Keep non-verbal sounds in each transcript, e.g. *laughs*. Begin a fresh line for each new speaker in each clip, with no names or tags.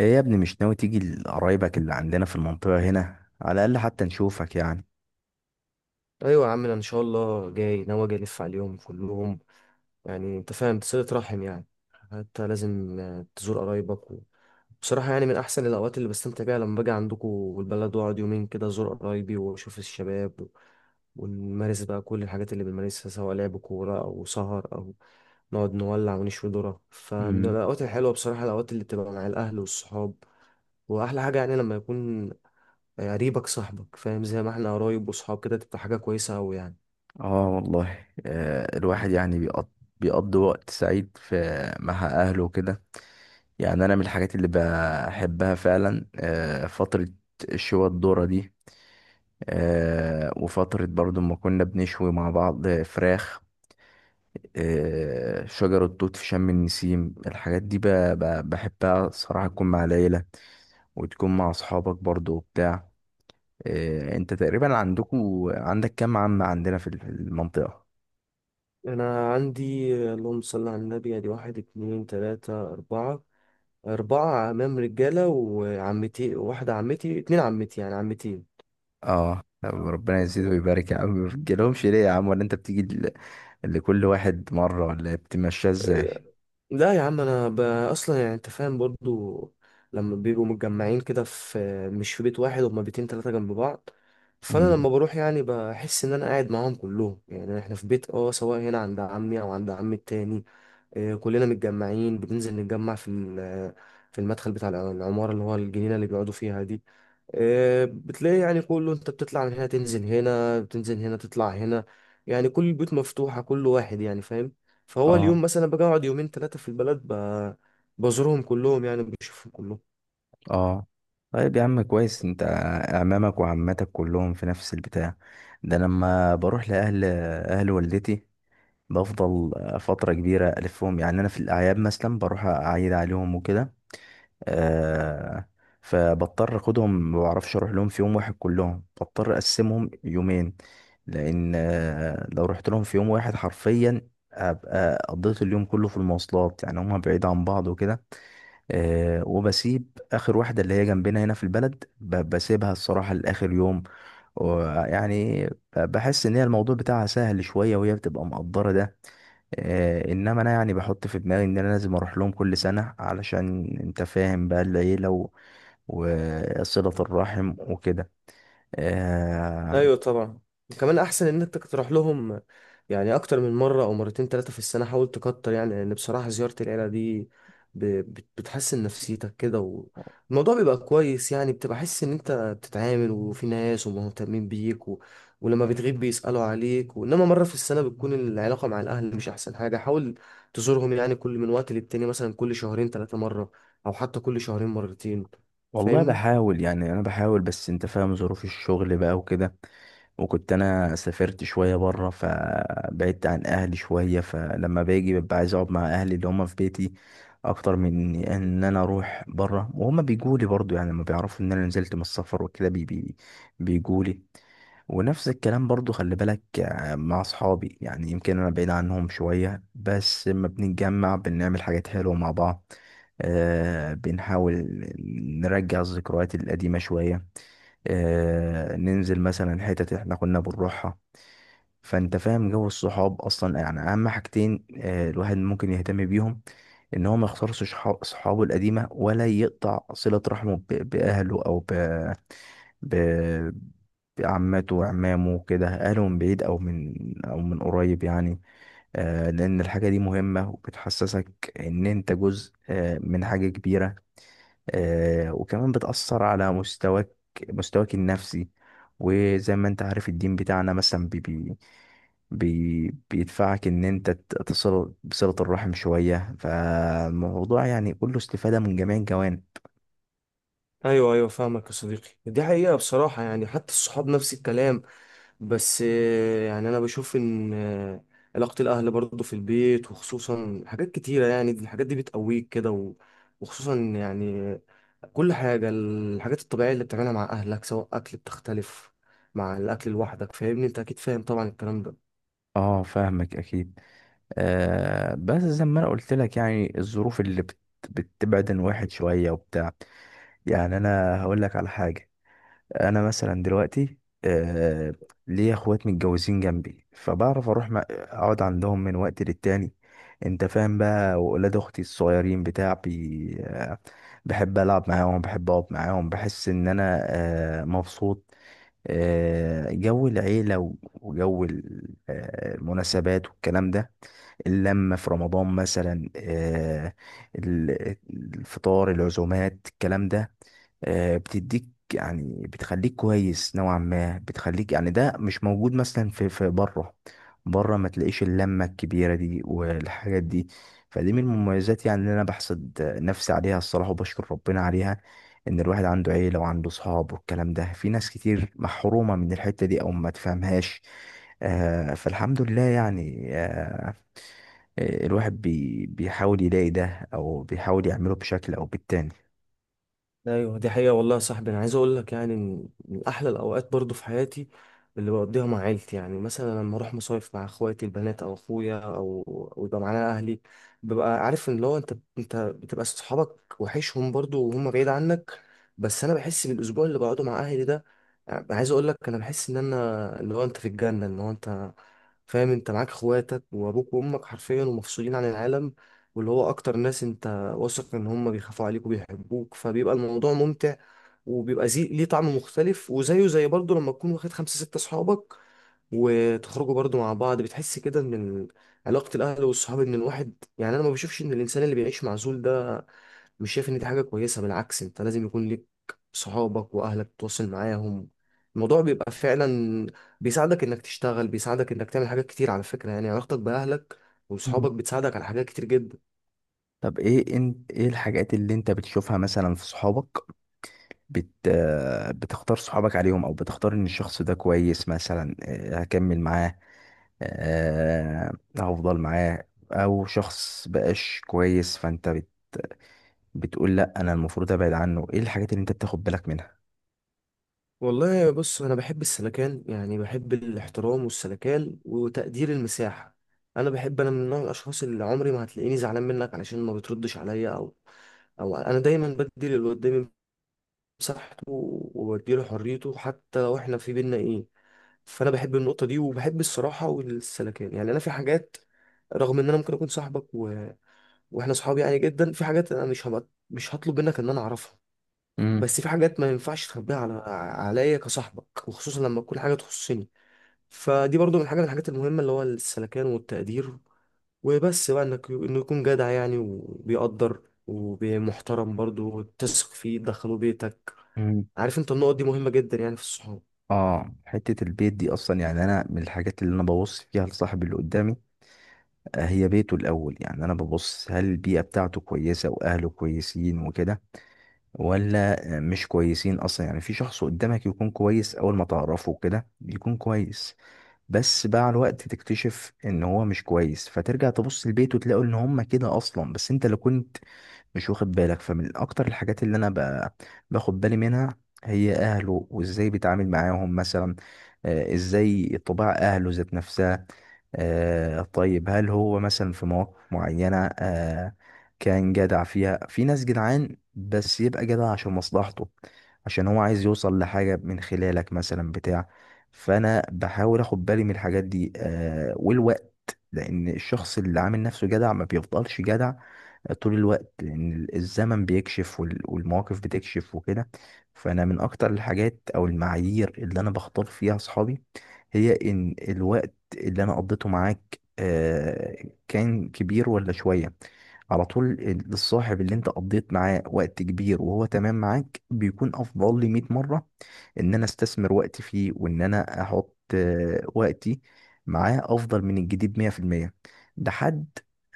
ايه يا ابني مش ناوي تيجي لقرايبك اللي عندنا في المنطقة هنا على الأقل حتى نشوفك يعني.
ايوه يا عم، انا ان شاء الله جاي ناوي اجي الف عليهم كلهم. يعني انت فاهم صلة رحم يعني. حتى لازم تزور قرايبك بصراحة يعني من احسن الاوقات اللي بستمتع بيها لما باجي عندكم والبلد واقعد يومين كده ازور قرايبي واشوف الشباب ونمارس بقى كل الحاجات اللي بنمارسها سواء لعب كورة او سهر او نقعد نولع ونشوي ذرة. فمن
امم
الاوقات الحلوة بصراحة الاوقات اللي بتبقى مع الاهل والصحاب. واحلى حاجة يعني لما يكون قريبك صاحبك فاهم، زي ما احنا قرايب وصحاب كده تبقى حاجة كويسة أوي يعني.
اه والله آه، الواحد يعني بيقضي وقت سعيد في مع أهله وكده. يعني أنا من الحاجات اللي بحبها فعلا آه، فترة الشوى الدورة دي. آه، وفترة برضو ما كنا بنشوي مع بعض فراخ. آه، شجر التوت في شم النسيم الحاجات دي بحبها صراحة، تكون مع العيلة وتكون مع أصحابك برضو وبتاع. إيه، انت تقريبا عندك كام عم عندنا في المنطقة؟
أنا عندي اللهم صل على النبي أدي واحد اتنين تلاتة أربعة، أربعة عمام رجالة، وعمتي واحدة عمتي اتنين عمتي يعني عمتين.
اه، طب
اه.
ربنا يزيد ويبارك يا عم. *laughs* ما بتجيلهمش ليه يا عم؟ ولا انت بتيجي ل- لكل واحد مرة، ولا بتمشيها ازاي؟
لا يا عم، أنا أصلا يعني أنت فاهم برضو. لما بيبقوا متجمعين كده في، مش في بيت واحد، هما بيتين تلاتة جنب بعض. فأنا
امم.
لما بروح يعني بحس إن أنا قاعد معاهم كلهم، يعني إحنا في بيت أه سواء هنا عند عمي أو عند عمي التاني. كلنا متجمعين بننزل نتجمع في المدخل بتاع العمارة اللي هو الجنينة اللي بيقعدوا فيها دي. بتلاقي يعني كله، انت بتطلع من هنا تنزل هنا، بتنزل هنا تطلع هنا، يعني كل البيوت مفتوحة كل واحد يعني فاهم. فهو
اه.
اليوم مثلا بقعد يومين ثلاثة في البلد بزورهم كلهم يعني بشوفهم كلهم.
اه طيب يا عم، كويس. انت اعمامك وعماتك كلهم في نفس البتاع ده؟ أنا لما بروح اهل والدتي، بفضل فترة كبيرة ألفهم. يعني أنا في الأعياد مثلا بروح أعيد عليهم وكده. آه، فبضطر اخدهم، ما بعرفش اروح لهم في يوم واحد كلهم، بضطر اقسمهم يومين. لان آه، لو رحت لهم في يوم واحد حرفيا ابقى قضيت اليوم كله في المواصلات، يعني هما بعيد عن بعض وكده. آه، وبسيب اخر واحده اللي هي جنبنا هنا في البلد، بسيبها الصراحه لاخر يوم. ويعني بحس ان هي الموضوع بتاعها سهل شويه، وهي بتبقى مقدره ده. آه، انما انا يعني بحط في دماغي ان انا لازم اروح لهم كل سنه، علشان انت فاهم بقى العيله وصله الرحم وكده. آه.
ايوه طبعا، كمان احسن ان انت تروح لهم يعني اكتر من مره او مرتين ثلاثه في السنه، حاول تكتر يعني لان بصراحه زياره العيله دي ب- بتحسن نفسيتك كده، والموضوع بيبقى كويس يعني بتبقى حاسس ان انت بتتعامل وفي ناس ومهتمين بيك ولما بتغيب بيسالوا عليك. وانما مره في السنه بتكون العلاقه مع الاهل مش احسن حاجه. حاول تزورهم يعني كل من وقت للتاني، مثلا كل شهرين ثلاثه مره او حتى كل شهرين مرتين.
والله
فاهمني.
بحاول يعني، انا بحاول، بس انت فاهم ظروف الشغل بقى وكده. وكنت انا سافرت شويه بره، فبعدت عن اهلي شويه، فلما باجي ببقى عايز اقعد مع اهلي اللي هم في بيتي اكتر من ان انا اروح بره. وهم بيجوا لي برضو، يعني لما بيعرفوا ان انا نزلت من السفر وكده بي بي بيجوا لي. ونفس الكلام برضو خلي بالك آه، مع اصحابي. يعني يمكن انا بعيد عنهم شوية، بس لما بنتجمع بنعمل حاجات حلوة مع بعض. آه، بنحاول نرجع الذكريات القديمة شوية. آه، ننزل مثلا حتت احنا كنا بنروحها. فانت فاهم جو الصحاب اصلا. يعني اهم حاجتين آه، الواحد ممكن يهتم بيهم، ان هو ما يخسرش صحابه القديمة، ولا يقطع صلة رحمه باهله، او ب عماته وعمامه وكده، أهله من بعيد أو من، أو من قريب يعني. آه، لأن الحاجة دي مهمة وبتحسسك إن أنت جزء آه، من حاجة كبيرة. آه، وكمان بتأثر على مستواك النفسي. وزي ما أنت عارف الدين بتاعنا مثلا بي بي بي بيدفعك إن أنت تصل بصلة الرحم شوية. فالموضوع يعني كله استفادة من جميع الجوانب.
ايوه ايوه فاهمك يا صديقي، دي حقيقة بصراحة يعني حتى الصحاب نفس الكلام. بس يعني انا بشوف ان علاقة الاهل برضه في البيت، وخصوصا حاجات كتيرة يعني الحاجات دي بتقويك كده وخصوصا يعني كل حاجة، الحاجات الطبيعية اللي بتعملها مع اهلك سواء اكل بتختلف مع الاكل لوحدك، فاهمني انت اكيد فاهم طبعا الكلام ده.
اه فاهمك اكيد. آه بس زي ما انا قلت لك، يعني الظروف اللي بت بتبعد عن واحد شويه وبتاع. يعني انا هقول لك على حاجه، انا مثلا دلوقتي آه، ليا اخوات متجوزين جنبي، فبعرف اروح اقعد عندهم من وقت للتاني. انت فاهم بقى. واولاد اختي الصغيرين بتاع بي آه، بحب العب معاهم، بحب اقعد معاهم، بحس ان انا آه، مبسوط. آه، جو العيلة وجو آه، المناسبات والكلام ده، اللمة في رمضان مثلا آه، الفطار، العزومات، الكلام ده آه، بتديك، يعني بتخليك كويس نوعا ما. بتخليك يعني، ده مش موجود مثلا في بره. بره ما تلاقيش اللمة الكبيرة دي والحاجات دي. فدي من المميزات يعني اللي انا بحسد نفسي عليها الصراحة، وبشكر ربنا عليها ان الواحد عنده عيله وعنده صحاب والكلام ده. في ناس كتير محرومه من الحته دي او ما تفهمهاش. آه، فالحمد لله يعني آه، آه، الواحد بيحاول يلاقي ده، او بيحاول يعمله بشكل او بالتاني.
ايوه دي حقيقة والله يا صاحبي، انا عايز اقول لك يعني من احلى الاوقات برضو في حياتي اللي بقضيها مع عيلتي، يعني مثلا لما اروح مصايف مع اخواتي البنات او اخويا او يبقى معانا اهلي. ببقى عارف ان لو انت بتبقى صحابك وحشهم برضو وهم بعيد عنك. بس انا بحس بالاسبوع اللي بقعده مع اهلي ده، يعني عايز اقول لك انا بحس ان انا اللي هو انت في الجنة، ان هو انت فاهم انت معاك اخواتك وابوك وامك حرفيا ومفصولين عن العالم، واللي هو اكتر ناس انت واثق ان هم بيخافوا عليك وبيحبوك، فبيبقى الموضوع ممتع وبيبقى زي ليه طعم مختلف، وزيه زي برضه لما تكون واخد خمسة ستة صحابك وتخرجوا برضه مع بعض بتحس كده، ان علاقة الأهل والصحاب إن الواحد يعني. أنا ما بشوفش إن الإنسان اللي بيعيش معزول ده، مش شايف إن دي حاجة كويسة، بالعكس أنت لازم يكون ليك صحابك وأهلك تتواصل معاهم. الموضوع بيبقى فعلا بيساعدك إنك تشتغل، بيساعدك إنك تعمل حاجات كتير. على فكرة يعني علاقتك بأهلك
مم.
وصحابك بتساعدك على حاجات كتير جدا.
طب ايه انت، ايه الحاجات اللي انت بتشوفها مثلا في صحابك آه، بتختار صحابك عليهم، او بتختار ان الشخص ده كويس مثلا آه، هكمل معاه آه، هفضل معاه، او شخص بقاش كويس فانت بت بتقول لا انا المفروض ابعد عنه؟ ايه الحاجات اللي انت بتاخد بالك منها؟
والله بص، انا بحب السلكان، يعني بحب الاحترام والسلكان وتقدير المساحه. انا من نوع الاشخاص اللي عمري ما هتلاقيني زعلان منك علشان ما بتردش عليا او انا دايما بدي اللي قدامي مساحته وبديله حريته حتى لو احنا في بينا ايه. فانا بحب النقطه دي وبحب الصراحه والسلكان. يعني انا في حاجات رغم ان انا ممكن اكون صاحبك واحنا صحاب يعني جدا، في حاجات انا مش هطلب منك ان انا اعرفها.
امم.
بس في حاجات ما ينفعش تخبيها عليا كصاحبك، وخصوصا لما تكون حاجه تخصني. فدي برضو من حاجه من الحاجات المهمه، اللي هو السلكان والتقدير. وبس بقى انه يكون جدع يعني، وبيقدر ومحترم برضو، وتثق فيه تدخله بيتك.
امم.
عارف انت النقط دي مهمه جدا يعني في الصحاب.
اه حتة البيت دي اصلا، يعني انا من الحاجات اللي انا ببص فيها لصاحب اللي قدامي آه، هي بيته الاول. يعني انا ببص هل البيئة بتاعته كويسة واهله كويسين وكده، ولا آه، مش كويسين اصلا. يعني في شخص قدامك يكون كويس، اول ما تعرفه كده يكون كويس، بس مع الوقت تكتشف ان هو مش كويس، فترجع تبص لبيته تلاقوا ان هم كده اصلا، بس انت اللي كنت مش واخد بالك. فمن اكتر الحاجات اللي انا باخد بالي منها هي اهله، وازاي بيتعامل معاهم مثلا آه، ازاي طباع اهله ذات نفسها. آه، طيب هل هو مثلا في مواقف معينة آه، كان جدع فيها؟ في ناس جدعان بس يبقى جدع عشان مصلحته، عشان هو عايز يوصل لحاجة من خلالك مثلا بتاع. فانا بحاول اخد بالي من الحاجات دي آه، والوقت. لان الشخص اللي عامل نفسه جدع ما بيفضلش جدع طول الوقت، لأن الزمن بيكشف والمواقف بتكشف وكده. فأنا من أكتر الحاجات أو المعايير اللي أنا بختار فيها أصحابي، هي إن الوقت اللي أنا قضيته معاك آه، كان كبير ولا شوية. على طول الصاحب اللي انت قضيت معاه وقت كبير وهو تمام معاك، بيكون افضل لي 100 مرة ان انا استثمر وقتي فيه، وان انا احط آه، وقتي معاه افضل من الجديد 100%. ده حد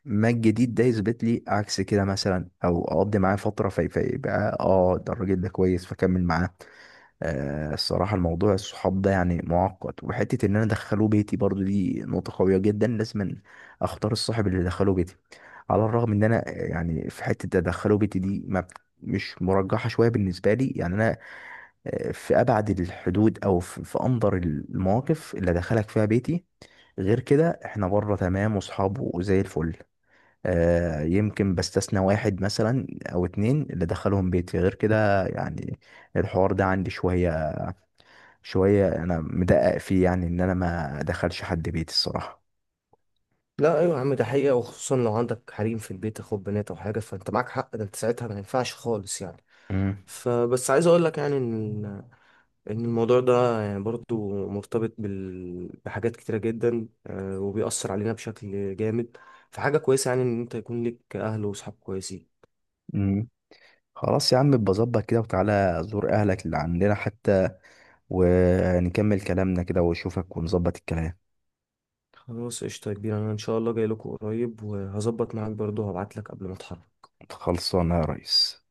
ما الجديد ده يثبت لي عكس كده مثلا، او اقضي معاه فترة فيبقى اه ده، الراجل ده كويس فكمل معاه. آه، الصراحة الموضوع الصحاب ده يعني معقد. وحتة إن أنا أدخله بيتي برضو دي نقطة قوية جدا، لازم أختار الصاحب اللي أدخله بيتي. على الرغم إن أنا آه، يعني في حتة أدخله بيتي دي ما مش مرجحة شوية بالنسبة لي. يعني أنا آه، في أبعد الحدود أو في أندر المواقف اللي أدخلك فيها بيتي. غير كده إحنا بره تمام وصحاب وزي الفل. آه، يمكن بستثنى واحد مثلا أو اتنين اللي أدخلهم بيتي، غير كده يعني الحوار ده عندي شوية، أنا مدقق فيه، يعني إن أنا ما أدخلش حد بيتي الصراحة.
لا ايوه يا عم، ده حقيقه، وخصوصا لو عندك حريم في البيت اخوات بنات او حاجه، فانت معاك حق، ده انت ساعتها ما ينفعش خالص يعني.
امم.
فبس عايز اقول لك يعني ان الموضوع ده يعني برضو مرتبط بحاجات كتيرة جدا، وبيأثر علينا بشكل جامد. فحاجة كويسة يعني ان انت يكون لك اهل وصحاب كويسين.
امم. خلاص يا عم، بظبط كده، وتعالى زور أهلك اللي عندنا حتى ونكمل كلامنا كده وأشوفك ونظبط الكلام.
خلاص قشطة يا كبير، انا ان شاء الله جاي لكم قريب وهظبط معاك برضو، هبعت لك قبل ما اتحرك.
خلصانة يا ريس.